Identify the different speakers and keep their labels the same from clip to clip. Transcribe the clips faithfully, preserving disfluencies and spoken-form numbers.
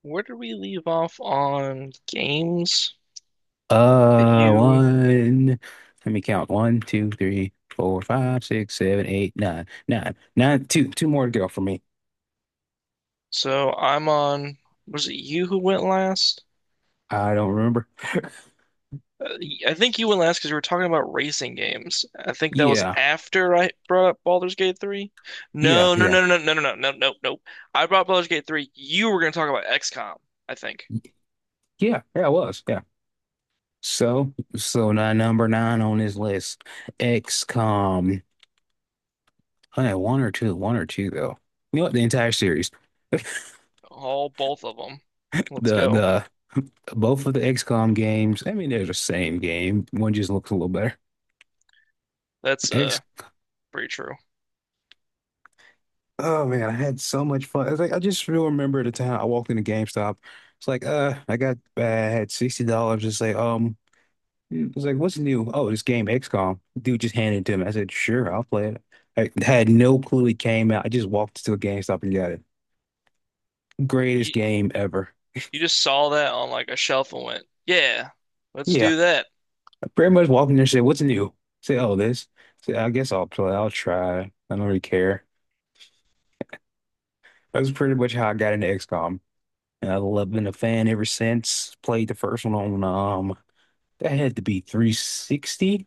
Speaker 1: Where did we leave off on games that
Speaker 2: Uh,
Speaker 1: you?
Speaker 2: one. Let me count. One, two, three, four, five, six, seven, eight, nine, nine, nine. Two, two more to go for me.
Speaker 1: So I'm on. Was it you who went last?
Speaker 2: I don't remember.
Speaker 1: Uh, y- I think you went last because we were talking about racing games. I think that was
Speaker 2: Yeah,
Speaker 1: after I brought up Baldur's Gate three.
Speaker 2: yeah,
Speaker 1: No, no,
Speaker 2: yeah,
Speaker 1: no, no, no, no, no, no, no, no. I brought Baldur's Gate three. You were going to talk about X COM, I think.
Speaker 2: yeah, yeah. It was. Yeah. So, so now number nine on this list, XCOM. I had one or two, one or two though. You know what? The entire series,
Speaker 1: All both of them. Let's
Speaker 2: the
Speaker 1: go.
Speaker 2: the both of the XCOM games. I mean, they're the same game. One just looks a little better.
Speaker 1: That's uh pretty true.
Speaker 2: Oh man, I had so much fun. It's like I just still remember the time I walked into GameStop. It's like, uh, I got I had sixty dollars. It's like, um, Mm. it's like, what's new? Oh, this game XCOM. Dude just handed it to me. I said, sure, I'll play it. I had no clue it came out. I just walked to a GameStop and got it. Greatest
Speaker 1: You,
Speaker 2: game ever.
Speaker 1: you just saw that on like a shelf and went, "Yeah, let's
Speaker 2: Yeah,
Speaker 1: do that."
Speaker 2: I pretty much walked in there and said, what's new? Say, oh, this. Say, I guess I'll play. I'll try. I don't really care. That's pretty much how I got into XCOM. And I've loved- been a fan ever since. Played the first one on um. That had to be three sixty.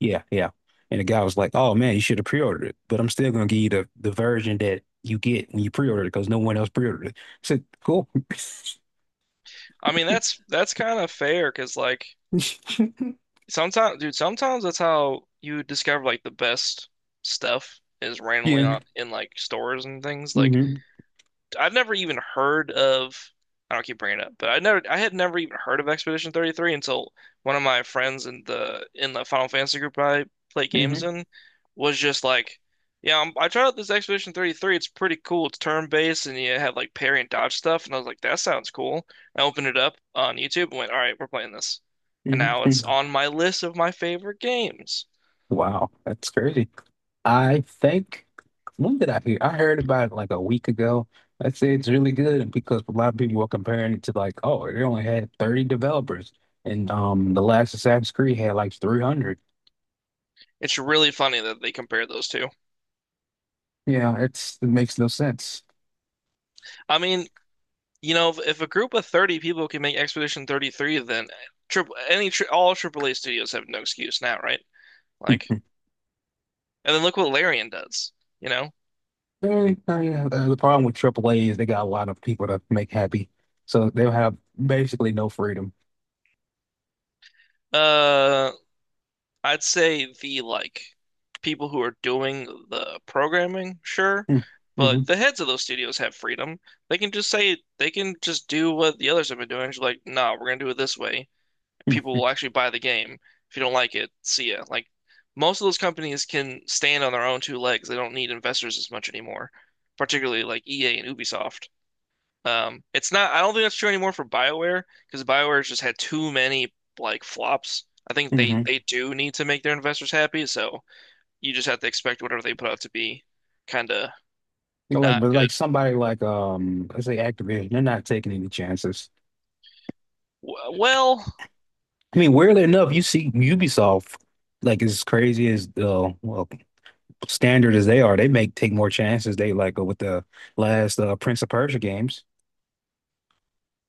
Speaker 2: Yeah, yeah. And the guy was like, "Oh man, you should have pre-ordered it." But I'm still gonna give you the, the version that you get when you pre-order it because no one else pre-ordered it. I said, "Cool."
Speaker 1: I mean, that's that's kind of fair because like sometimes, dude, sometimes that's how you discover like the best stuff is randomly
Speaker 2: Yeah.
Speaker 1: on in like stores and things. Like
Speaker 2: Hmm.
Speaker 1: I've never even heard of. I don't keep bringing it up, but I never, I had never even heard of Expedition thirty-three until one of my friends in the in the Final Fantasy group I play games
Speaker 2: Hmm.
Speaker 1: in was just like, "Yeah, I'm, I tried out this Expedition thirty-three. It's pretty cool. It's turn-based, and you have like parry and dodge stuff." And I was like, "That sounds cool." I opened it up on YouTube and went, "All right, we're playing this," and now it's
Speaker 2: Hmm.
Speaker 1: on my list of my favorite games.
Speaker 2: Wow, that's crazy. I think, when did I hear? I heard about it like a week ago. I said it's really good because a lot of people were comparing it to, like, oh, they only had thirty developers, and um, the last Assassin's Creed had like three hundred.
Speaker 1: It's really funny that they compare those two.
Speaker 2: Yeah, it's it makes no sense.
Speaker 1: I mean, you know, if, if a group of thirty people can make Expedition thirty-three, then triple any tri all triple A studios have no excuse now, right? Like,
Speaker 2: Hmm.
Speaker 1: and then look what Larian does, you know?
Speaker 2: Very, very, uh, yeah, the problem with triple A is they got a lot of people to make happy, so they'll have basically no freedom.
Speaker 1: Uh, I'd say the like people who are doing the programming, sure,
Speaker 2: Hmm.
Speaker 1: but
Speaker 2: Mhm.
Speaker 1: the heads of those studios have freedom. They can just say they can just do what the others have been doing. Just like, nah, we're gonna do it this way. People
Speaker 2: Mhm.
Speaker 1: will actually buy the game. If you don't like it, see ya. Like most of those companies can stand on their own two legs. They don't need investors as much anymore, particularly like E A and Ubisoft. Um, it's not, I don't think that's true anymore for BioWare because BioWare's just had too many like flops. I think they
Speaker 2: Mhm.
Speaker 1: they do need to make their investors happy, so you just have to expect whatever they put out to be kind of
Speaker 2: Like,
Speaker 1: not
Speaker 2: but
Speaker 1: good.
Speaker 2: like somebody like, um, let's say Activision, they're not taking any chances.
Speaker 1: W- Well,
Speaker 2: I mean, weirdly enough, you see Ubisoft, like as crazy as, uh, well, standard as they are, they make take more chances. They like go with the last, uh, Prince of Persia games.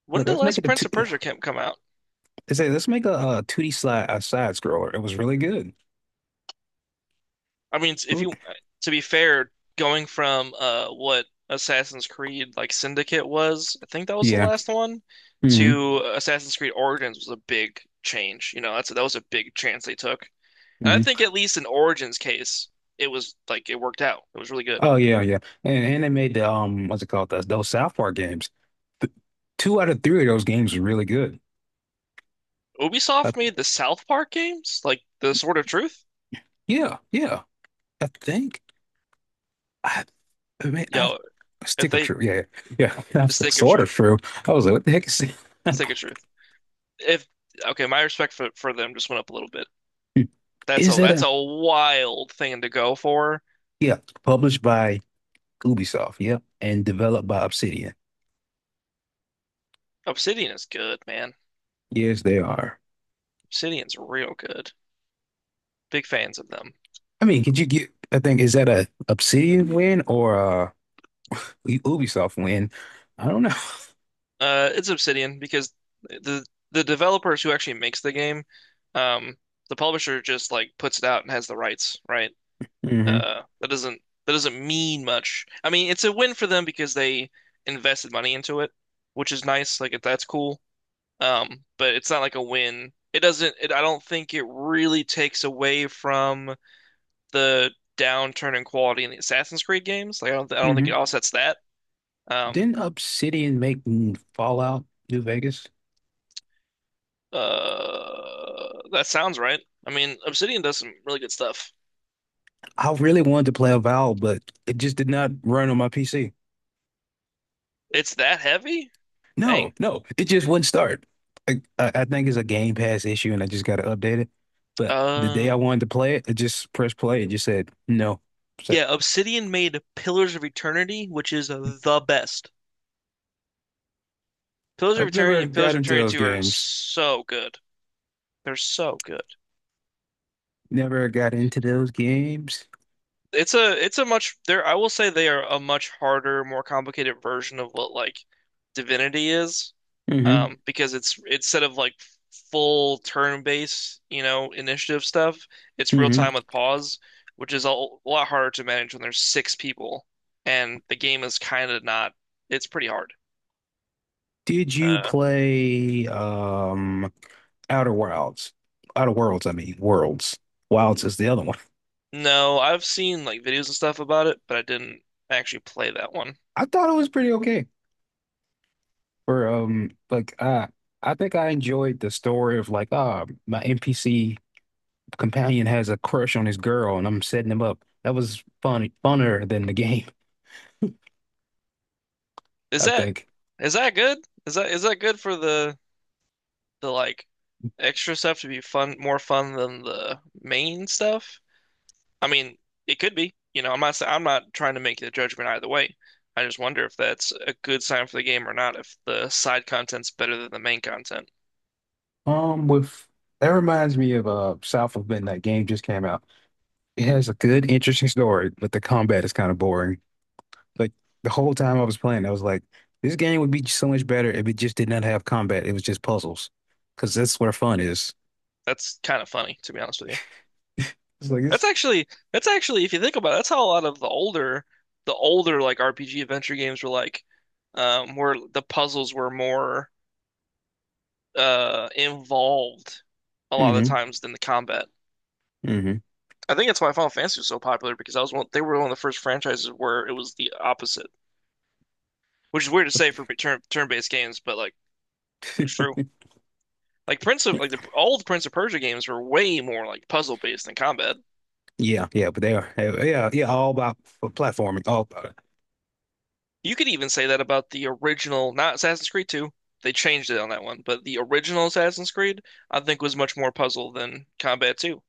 Speaker 1: when
Speaker 2: Like
Speaker 1: did the
Speaker 2: let's make
Speaker 1: last
Speaker 2: it a
Speaker 1: Prince of
Speaker 2: two.
Speaker 1: Persia camp come out?
Speaker 2: They say let's make a, uh two D slide a side scroller. It was really good.
Speaker 1: I mean, if
Speaker 2: Oop.
Speaker 1: you To be fair, going from uh what Assassin's Creed like Syndicate was, I think that was the
Speaker 2: Yeah.
Speaker 1: last one,
Speaker 2: Hmm.
Speaker 1: to Assassin's Creed Origins was a big change. You know, that's that was a big chance they took. And I
Speaker 2: Hmm.
Speaker 1: think at least in Origins case, it was like it worked out. It was really good.
Speaker 2: Oh yeah, yeah. And and they made the, um what's it called? Those those South Park games. Th- Two out of three of those games were really good. I,
Speaker 1: Ubisoft made the South Park games, like the Sword of Truth.
Speaker 2: yeah, yeah. I think, I I mean I
Speaker 1: Yo, if
Speaker 2: Stick of
Speaker 1: they
Speaker 2: True. Yeah, yeah. Yeah.
Speaker 1: the
Speaker 2: That's
Speaker 1: Stick of
Speaker 2: sort of
Speaker 1: Truth,
Speaker 2: true. I was like, what the heck is that?
Speaker 1: Stick of Truth. If Okay, my respect for for them just went up a little bit. That's
Speaker 2: Is
Speaker 1: a
Speaker 2: that
Speaker 1: that's
Speaker 2: a
Speaker 1: a wild thing to go for.
Speaker 2: Yeah, published by Ubisoft, yep, and developed by Obsidian.
Speaker 1: Obsidian is good, man.
Speaker 2: Yes, they are.
Speaker 1: Obsidian's real good. Big fans of them.
Speaker 2: I mean, could you get I think, is that a Obsidian win or a Ubisoft win? I don't know.
Speaker 1: Uh, it's Obsidian because the the developers who actually makes the game, um, the publisher just like puts it out and has the rights, right?
Speaker 2: Hmm.
Speaker 1: Uh, that doesn't that doesn't mean much. I mean, it's a win for them because they invested money into it, which is nice. Like that's cool. Um, but it's not like a win. It doesn't. It, I don't think it really takes away from the downturn in quality in the Assassin's Creed games. Like I don't I don't think it
Speaker 2: Hmm.
Speaker 1: offsets that. Um,
Speaker 2: Didn't Obsidian make, mm, Fallout New Vegas?
Speaker 1: uh, that sounds right. I mean, Obsidian does some really good stuff.
Speaker 2: I really wanted to play a Valve, but it just did not run on my P C.
Speaker 1: It's that heavy?
Speaker 2: No,
Speaker 1: Dang.
Speaker 2: no, it just wouldn't start. I, I I think it's a Game Pass issue, and I just got to update it. But the day I
Speaker 1: Uh,
Speaker 2: wanted to play it, I just pressed play and just said no. So
Speaker 1: yeah, Obsidian made Pillars of Eternity, which is the best. Pillars of
Speaker 2: I've never
Speaker 1: Eternity and
Speaker 2: got
Speaker 1: Pillars of
Speaker 2: into
Speaker 1: Eternity
Speaker 2: those
Speaker 1: two are
Speaker 2: games.
Speaker 1: so good. They're so good.
Speaker 2: Never got into those games.
Speaker 1: It's a it's a much there I will say they are a much harder, more complicated version of what like Divinity is.
Speaker 2: Hmm.
Speaker 1: Um, because it's instead of like full turn-based, you know, initiative stuff, it's real
Speaker 2: Hmm.
Speaker 1: time with pause, which is a l- lot harder to manage when there's six people and the game is kind of not it's pretty hard.
Speaker 2: Did you
Speaker 1: Uh,
Speaker 2: play um? Outer Wilds. Outer Worlds, I mean, Worlds. Wilds is the other one.
Speaker 1: no, I've seen like videos and stuff about it, but I didn't actually play that one.
Speaker 2: I thought it was pretty okay for, um like, uh I think I enjoyed the story of, like, ah my N P C companion has a crush on his girl and I'm setting him up. That was fun funner than the game,
Speaker 1: Is
Speaker 2: I
Speaker 1: that
Speaker 2: think.
Speaker 1: is that good? Is that is that good for the the like extra stuff to be fun, more fun than the main stuff? I mean, it could be. You know, I'm not sa- I'm not trying to make the judgment either way. I just wonder if that's a good sign for the game or not, if the side content's better than the main content.
Speaker 2: Um, with that reminds me of uh South of Midnight game just came out. It has a good, interesting story, but the combat is kind of boring. Like, the whole time I was playing, I was like, this game would be so much better if it just did not have combat. It was just puzzles, because that's where fun is.
Speaker 1: That's kind of funny, to be honest with you.
Speaker 2: It's like
Speaker 1: That's
Speaker 2: it's
Speaker 1: actually that's actually if you think about it, that's how a lot of the older the older like R P G adventure games were like um where the puzzles were more uh involved a lot of the
Speaker 2: Mm-hmm,
Speaker 1: times than the combat.
Speaker 2: mm-hmm.
Speaker 1: I think that's why Final Fantasy was so popular because I was one, they were one of the first franchises where it was the opposite, which is weird to say for turn turn-based games, but like it was true. Like Prince of like the all the Prince of Persia games were way more like puzzle-based than combat.
Speaker 2: Yeah, yeah, but they are, yeah, yeah, all about platforming. All
Speaker 1: You could even say that about the original, not Assassin's Creed two. They changed it on that one, but the original Assassin's Creed I think was much more puzzle than combat too.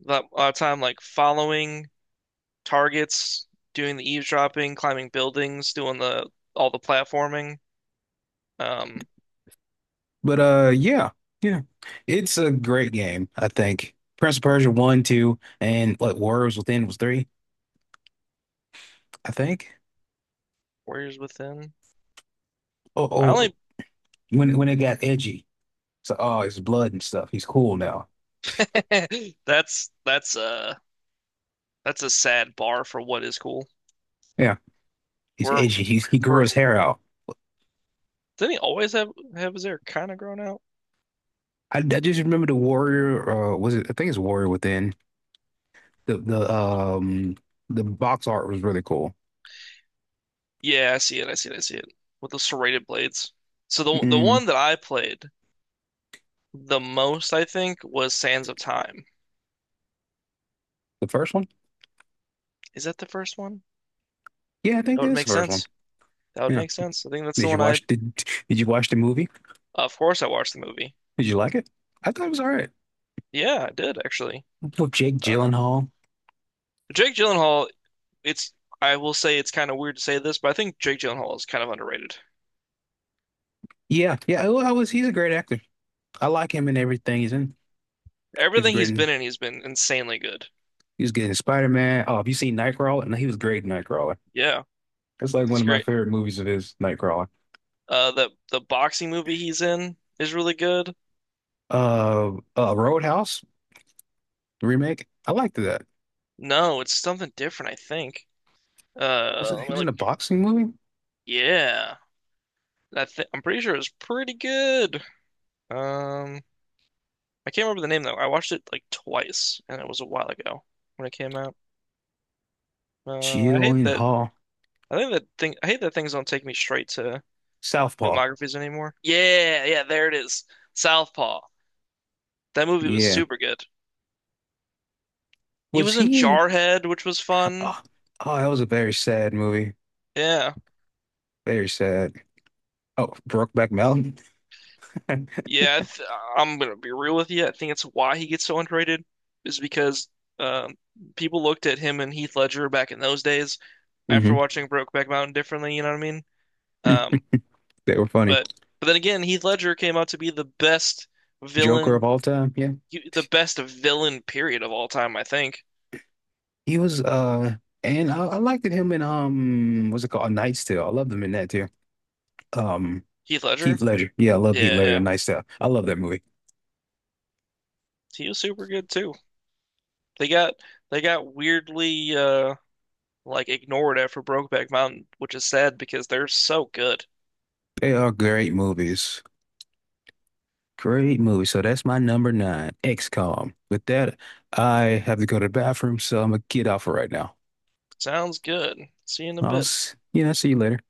Speaker 1: A lot, a lot of time like following targets, doing the eavesdropping, climbing buildings, doing the all the platforming. Um,
Speaker 2: But, uh yeah, yeah. It's a great game, I think. Prince of Persia one, two, and, what, Worlds Within was three, I think.
Speaker 1: Warriors Within.
Speaker 2: Oh,
Speaker 1: I
Speaker 2: oh
Speaker 1: only.
Speaker 2: when when it got edgy. So, oh, it's blood and stuff. He's cool now.
Speaker 1: that's that's uh that's a sad bar for what is cool.
Speaker 2: Yeah. He's
Speaker 1: We're
Speaker 2: edgy. He's he grew
Speaker 1: we're
Speaker 2: his hair out.
Speaker 1: didn't he always have have his hair kind of grown out?
Speaker 2: I, I just remember the Warrior, uh was it, I think it's Warrior Within. The the um the box art was really cool.
Speaker 1: Yeah, I see it. I see it. I see it with the serrated blades. So the the
Speaker 2: Mm,
Speaker 1: one that I played the most, I think, was Sands of Time.
Speaker 2: the first one?
Speaker 1: Is that the first one?
Speaker 2: Yeah, I think
Speaker 1: That
Speaker 2: that
Speaker 1: would
Speaker 2: is
Speaker 1: make
Speaker 2: the first one.
Speaker 1: sense. That would
Speaker 2: Yeah.
Speaker 1: make sense. I think that's the
Speaker 2: Did you
Speaker 1: one I.
Speaker 2: watch the did you watch the movie?
Speaker 1: Of course, I watched the movie.
Speaker 2: Did you like it? I thought it was all right.
Speaker 1: Yeah, I did actually.
Speaker 2: Oh, Jake
Speaker 1: Uh,
Speaker 2: Gyllenhaal.
Speaker 1: Jake Gyllenhaal. It's. I will say it's kind of weird to say this, but I think Jake Gyllenhaal is kind of underrated.
Speaker 2: Yeah, yeah. Well, I was. He's a great actor. I like him in everything he's in. He was
Speaker 1: Everything
Speaker 2: great
Speaker 1: he's
Speaker 2: in.
Speaker 1: been in, he's been insanely good.
Speaker 2: He was good in Spider-Man. Oh, have you seen Nightcrawler? No, he was great in Nightcrawler.
Speaker 1: Yeah,
Speaker 2: That's like one
Speaker 1: he's
Speaker 2: of my
Speaker 1: great.
Speaker 2: favorite movies of his, Nightcrawler.
Speaker 1: Uh, the the boxing movie he's in is really good.
Speaker 2: Uh, uh, Roadhouse the remake. I liked that.
Speaker 1: No, it's something different, I think.
Speaker 2: Was
Speaker 1: Uh,
Speaker 2: it-
Speaker 1: let
Speaker 2: he
Speaker 1: me
Speaker 2: was in
Speaker 1: look.
Speaker 2: a boxing movie?
Speaker 1: Yeah, I th I'm pretty sure it's pretty good. Um, I can't remember the name though. I watched it like twice, and it was a while ago when it came out. Uh, I hate that.
Speaker 2: Gyllenhaal,
Speaker 1: I think that thing. I hate that things don't take me straight to
Speaker 2: Southpaw.
Speaker 1: filmographies anymore. Yeah, yeah, there it is. Southpaw. That movie was
Speaker 2: Yeah.
Speaker 1: super good. He
Speaker 2: Was
Speaker 1: was in
Speaker 2: he in?
Speaker 1: Jarhead, which was fun.
Speaker 2: Oh, oh, that was a very sad movie.
Speaker 1: Yeah.
Speaker 2: Very sad. Oh, Brokeback Mountain.
Speaker 1: Yeah, I th I'm gonna be real with you. I think it's why he gets so underrated is because um, people looked at him and Heath Ledger back in those days after
Speaker 2: Hmm.
Speaker 1: watching Brokeback Mountain differently, you know what I mean? Um,
Speaker 2: They were funny.
Speaker 1: but but then again, Heath Ledger came out to be the best
Speaker 2: Joker of
Speaker 1: villain,
Speaker 2: all time. Yeah.
Speaker 1: the best villain period of all time, I think.
Speaker 2: He was, uh and I, I liked it him in, um what's it called? A Knight's Tale. I loved him in that too. Um
Speaker 1: Heath
Speaker 2: Heath
Speaker 1: Ledger?
Speaker 2: Ledger. Yeah, I love Heath
Speaker 1: Yeah,
Speaker 2: Ledger,
Speaker 1: yeah.
Speaker 2: Knight's Tale. I love that movie.
Speaker 1: He was super good too. They got they got weirdly uh like ignored after Brokeback Mountain, which is sad because they're so good.
Speaker 2: They are great movies. Great movie. So that's my number nine, XCOM. With that, I have to go to the bathroom, so I'm gonna get off for right now.
Speaker 1: Sounds good. See you in a
Speaker 2: I'll,
Speaker 1: bit.
Speaker 2: s- yeah, see you later.